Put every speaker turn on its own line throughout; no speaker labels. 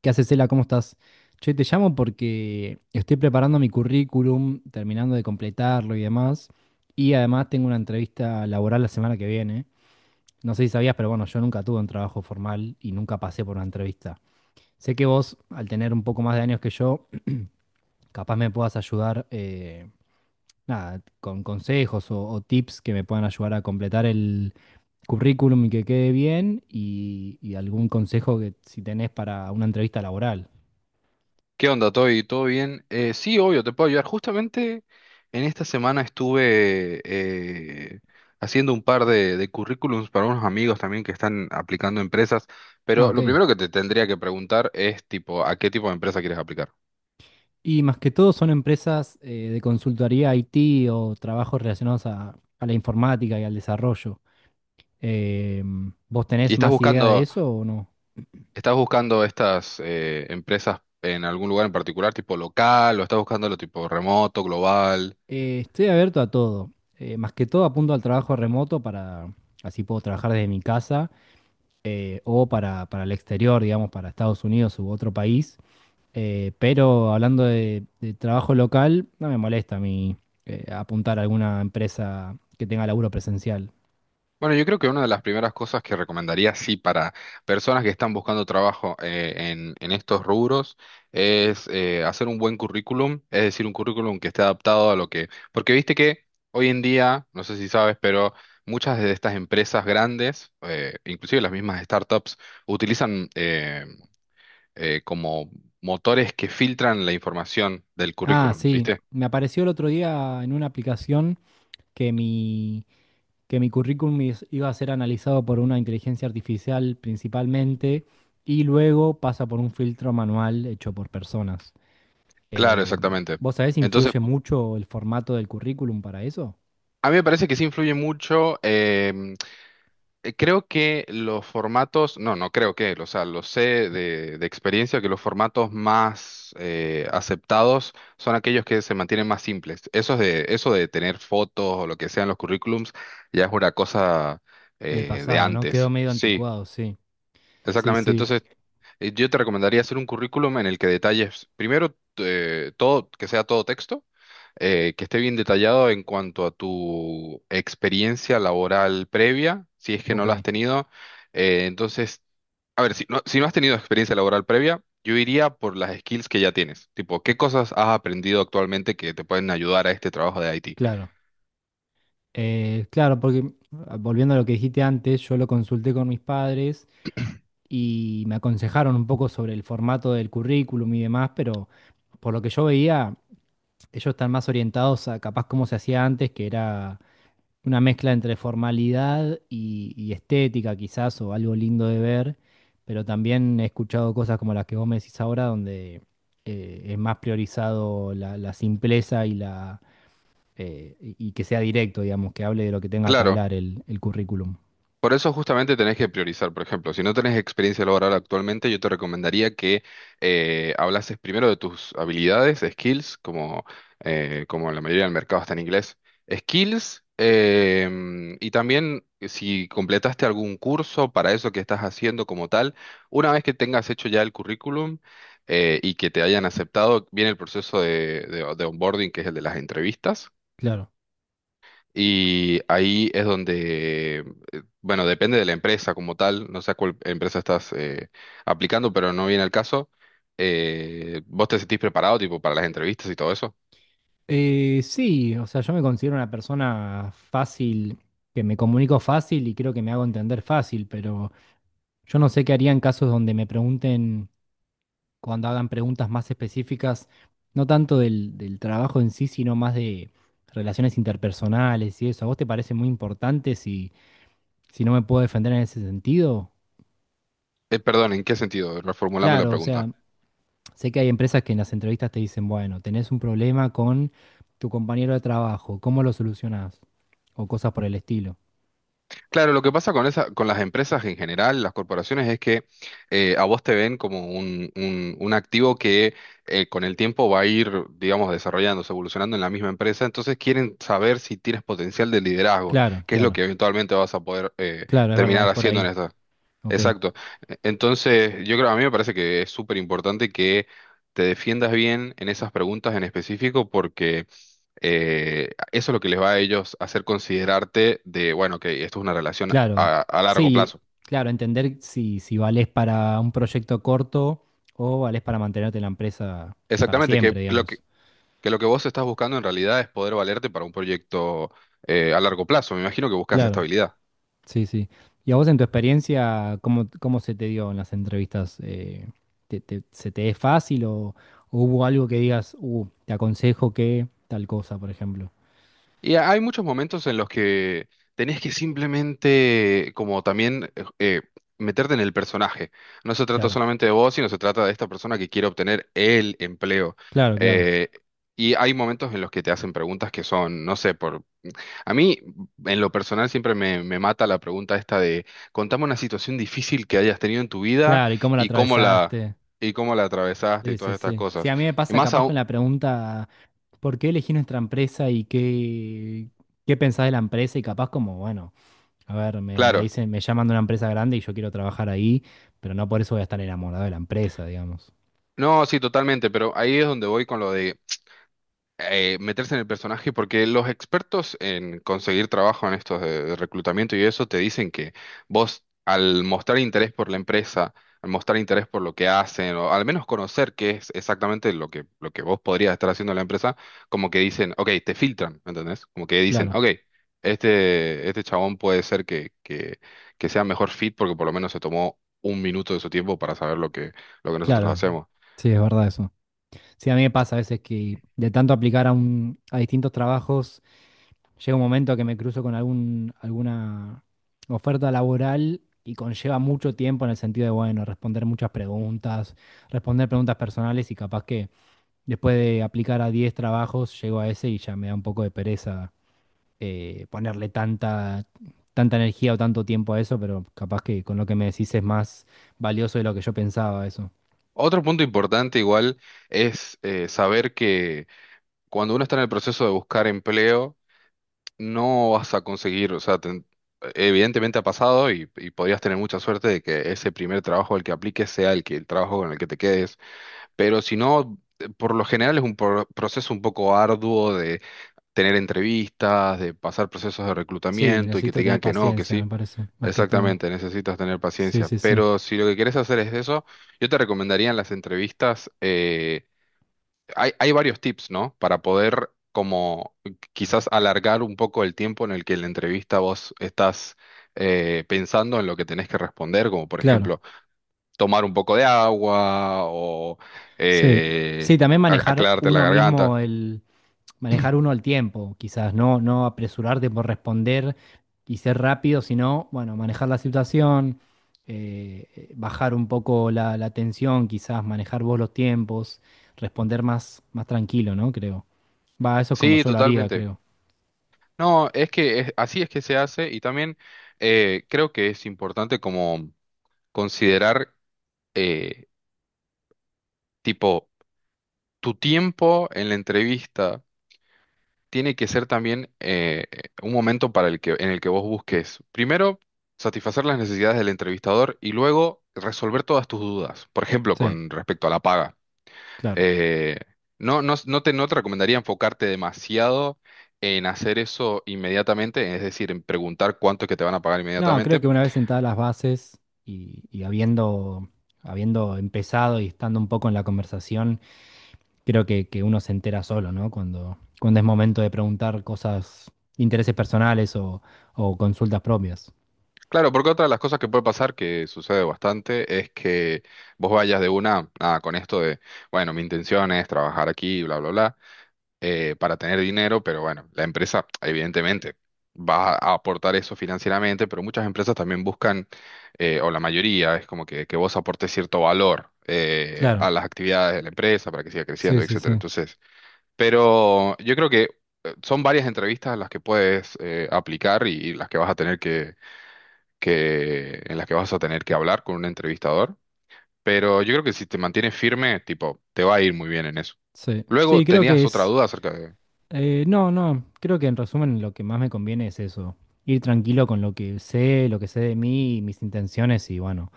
¿Qué haces, Cela? ¿Cómo estás? Che, te llamo porque estoy preparando mi currículum, terminando de completarlo y demás. Y además tengo una entrevista laboral la semana que viene. No sé si sabías, pero bueno, yo nunca tuve un trabajo formal y nunca pasé por una entrevista. Sé que vos, al tener un poco más de años que yo, capaz me puedas ayudar, nada, con consejos o tips que me puedan ayudar a completar el currículum y que quede bien y algún consejo que si tenés para una entrevista laboral.
¿Qué onda, Toy? ¿Todo bien? Sí, obvio, te puedo ayudar. Justamente en esta semana estuve haciendo un par de currículums para unos amigos también que están aplicando a empresas,
Ah,
pero
ok.
lo primero que te tendría que preguntar es tipo, ¿a qué tipo de empresa quieres aplicar?
Y más que todo son empresas de consultoría IT o trabajos relacionados a la informática y al desarrollo. Em, ¿vos
¿Y
tenés más idea de eso o no?
estás buscando estas empresas en algún lugar en particular, tipo local, o estás buscándolo tipo remoto, global?
Estoy abierto a todo. Más que todo apunto al trabajo remoto para, así puedo trabajar desde mi casa o para el exterior, digamos, para Estados Unidos u otro país. Pero hablando de trabajo local, no me molesta a mí apuntar a alguna empresa que tenga laburo presencial.
Bueno, yo creo que una de las primeras cosas que recomendaría, sí, para personas que están buscando trabajo en estos rubros, es hacer un buen currículum, es decir, un currículum que esté adaptado a lo que... Porque viste que hoy en día, no sé si sabes, pero muchas de estas empresas grandes, inclusive las mismas startups, utilizan como motores que filtran la información del
Ah,
currículum,
sí.
¿viste?
Me apareció el otro día en una aplicación que mi, que mi currículum iba a ser analizado por una inteligencia artificial principalmente y luego pasa por un filtro manual hecho por personas.
Claro,
Eh,
exactamente.
¿Vos sabés si
Entonces,
influye mucho el formato del currículum para eso?
a mí me parece que sí influye mucho. Creo que los formatos, no, no creo que, o sea, lo sé de experiencia que los formatos más aceptados son aquellos que se mantienen más simples. Eso de tener fotos o lo que sea en los currículums ya es una cosa
Del
de
pasado, ¿no? Quedó
antes.
medio
Sí,
anticuado, sí. Sí,
exactamente.
sí.
Entonces, yo te recomendaría hacer un currículum en el que detalles primero todo, que sea todo texto, que esté bien detallado en cuanto a tu experiencia laboral previa, si es que no
Ok.
la has tenido. Entonces, a ver, si no, si no has tenido experiencia laboral previa, yo iría por las skills que ya tienes, tipo, ¿qué cosas has aprendido actualmente que te pueden ayudar a este trabajo de IT?
Claro. Claro, porque ah, volviendo a lo que dijiste antes, yo lo consulté con mis padres. Y me aconsejaron un poco sobre el formato del currículum y demás, pero por lo que yo veía, ellos están más orientados a capaz como se hacía antes, que era una mezcla entre formalidad y estética quizás, o algo lindo de ver, pero también he escuchado cosas como las que vos me decís ahora, donde es más priorizado la simpleza y la... y que sea directo, digamos, que hable de lo que tenga que
Claro.
hablar el currículum.
Por eso justamente tenés que priorizar, por ejemplo, si no tenés experiencia laboral actualmente, yo te recomendaría que hablases primero de tus habilidades, skills, como, como la mayoría del mercado está en inglés, skills, em, y también si completaste algún curso para eso que estás haciendo como tal, una vez que tengas hecho ya el currículum y que te hayan aceptado, viene el proceso de de onboarding, que es el de las entrevistas
Claro.
y ahí es donde, bueno, depende de la empresa como tal, no sé a cuál empresa estás aplicando, pero no viene al caso. ¿Vos te sentís preparado tipo para las entrevistas y todo eso?
Sí, o sea, yo me considero una persona fácil, que me comunico fácil y creo que me hago entender fácil, pero yo no sé qué haría en casos donde me pregunten, cuando hagan preguntas más específicas, no tanto del trabajo en sí, sino más de relaciones interpersonales y eso. ¿A vos te parece muy importante si, si no me puedo defender en ese sentido?
Perdón, ¿en qué sentido? Reformulame la
Claro, o sea,
pregunta.
sé que hay empresas que en las entrevistas te dicen, bueno, tenés un problema con tu compañero de trabajo, ¿cómo lo solucionás? O cosas por el estilo.
Claro, lo que pasa con esa, con las empresas en general, las corporaciones, es que a vos te ven como un, un activo que con el tiempo va a ir, digamos, desarrollándose, evolucionando en la misma empresa. Entonces quieren saber si tienes potencial de liderazgo,
Claro,
que es lo
claro,
que eventualmente vas a poder
claro, es verdad,
terminar
es por
haciendo en
ahí.
esta.
Ok,
Exacto. Entonces, yo creo, a mí me parece que es súper importante que te defiendas bien en esas preguntas en específico, porque eso es lo que les va a ellos hacer considerarte de, bueno, que esto es una relación
claro,
a largo
sí,
plazo.
claro, entender si, si valés para un proyecto corto o valés para mantenerte en la empresa para
Exactamente,
siempre, digamos.
que lo que vos estás buscando en realidad es poder valerte para un proyecto a largo plazo. Me imagino que buscas
Claro,
estabilidad.
sí, sí. ¿Y a vos en tu experiencia, cómo, cómo se te dio en las entrevistas? ¿Se te es fácil o hubo algo que digas, te aconsejo que tal cosa, por ejemplo?
Y hay muchos momentos en los que tenés que simplemente, como también, meterte en el personaje. No se trata
Claro,
solamente de vos, sino se trata de esta persona que quiere obtener el empleo.
claro, claro,
Eh, y hay momentos en los que te hacen preguntas que son, no sé, a mí, en lo personal, siempre me, me mata la pregunta esta de, contame una situación difícil que hayas tenido en tu vida
claro, ¿y cómo la
y cómo la,
atravesaste?
y cómo la atravesaste
Sí,
y
sí,
todas estas
sí. Sí,
cosas.
a mí me
Y
pasa
más
capaz con
aún,
la pregunta, ¿por qué elegí nuestra empresa y qué, qué pensás de la empresa? Y capaz como, bueno, a ver, me
claro,
dicen, me llaman de una empresa grande y yo quiero trabajar ahí, pero no por eso voy a estar enamorado de la empresa, digamos.
no, sí, totalmente, pero ahí es donde voy con lo de meterse en el personaje, porque los expertos en conseguir trabajo en estos de reclutamiento y eso te dicen que vos al mostrar interés por la empresa, al mostrar interés por lo que hacen, o al menos conocer qué es exactamente lo que vos podrías estar haciendo en la empresa, como que dicen, ok, te filtran, ¿me entendés? Como que dicen,
Claro,
ok, este chabón puede ser que sea mejor fit porque por lo menos se tomó un minuto de su tiempo para saber lo que nosotros
claro,
hacemos.
sí, es verdad eso. Sí, a mí me pasa a veces que de tanto aplicar a un, a distintos trabajos. Llega un momento que me cruzo con algún, alguna oferta laboral y conlleva mucho tiempo en el sentido de, bueno, responder muchas preguntas, responder preguntas personales y capaz que después de aplicar a 10 trabajos llego a ese y ya me da un poco de pereza ponerle tanta, tanta energía o tanto tiempo a eso, pero capaz que con lo que me decís es más valioso de lo que yo pensaba eso.
Otro punto importante igual es saber que cuando uno está en el proceso de buscar empleo, no vas a conseguir, o sea, ten- evidentemente ha pasado y podrías tener mucha suerte de que ese primer trabajo al que apliques sea el que el trabajo con el que te quedes, pero si no, por lo general es un proceso un poco arduo de tener entrevistas, de pasar procesos de
Sí,
reclutamiento y que te
necesito tener
digan que no, que
paciencia, me
sí.
parece, más que todo.
Exactamente, necesitas tener
Sí,
paciencia.
sí, sí.
Pero si lo que quieres hacer es eso, yo te recomendaría en las entrevistas, hay, hay varios tips, ¿no? Para poder como quizás alargar un poco el tiempo en el que en la entrevista vos estás pensando en lo que tenés que responder, como por
Claro.
ejemplo tomar un poco de agua o
Sí.
eh,
Sí, también manejar
aclararte la
uno
garganta.
mismo. Manejar uno el tiempo, quizás, no, no apresurarte por responder y ser rápido, sino, bueno, manejar la situación, bajar un poco la tensión, quizás, manejar vos los tiempos, responder más, más tranquilo, ¿no? Creo. Va, eso es como
Sí,
yo lo haría,
totalmente.
creo.
No, es que así es que se hace y también creo que es importante como considerar eh, tipo, tu tiempo en la entrevista tiene que ser también un momento para el que, en el que vos busques, primero, satisfacer las necesidades del entrevistador y luego resolver todas tus dudas. Por ejemplo,
Sí,
con respecto a la paga.
claro.
Eh, no, no, no te recomendaría enfocarte demasiado en hacer eso inmediatamente, es decir, en preguntar cuánto es que te van a pagar
No, creo
inmediatamente.
que una vez sentadas las bases y habiendo, habiendo empezado y estando un poco en la conversación, creo que uno se entera solo, ¿no? Cuando, cuando es momento de preguntar cosas, intereses personales o consultas propias.
Claro, porque otra de las cosas que puede pasar, que sucede bastante, es que vos vayas de una, nada, con esto de, bueno, mi intención es trabajar aquí, bla, bla, bla, para tener dinero, pero bueno, la empresa, evidentemente, va a aportar eso financieramente, pero muchas empresas también buscan, o la mayoría, es como que vos aportes cierto valor
Claro,
a las actividades de la empresa para que siga
sí,
creciendo,
sí,
etcétera.
sí.
Entonces, pero yo creo que son varias entrevistas las que puedes aplicar y las que vas a tener que, en las que vas a tener que hablar con un entrevistador, pero yo creo que si te mantienes firme, tipo, te va a ir muy bien en eso.
Sí, sí,
Luego,
creo que
¿tenías otra
es...
duda acerca de...?
no, no, creo que en resumen lo que más me conviene es eso, ir tranquilo con lo que sé de mí, mis intenciones y bueno,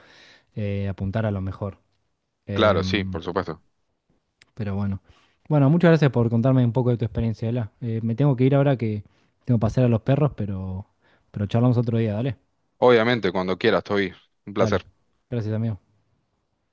apuntar a lo mejor.
Claro, sí,
Em,
por supuesto.
pero bueno. Bueno, muchas gracias por contarme un poco de tu experiencia, Ela. Me tengo que ir ahora que tengo que pasear a los perros, pero charlamos otro día, dale.
Obviamente, cuando quieras, estoy. Un
Dale.
placer.
Gracias, amigo.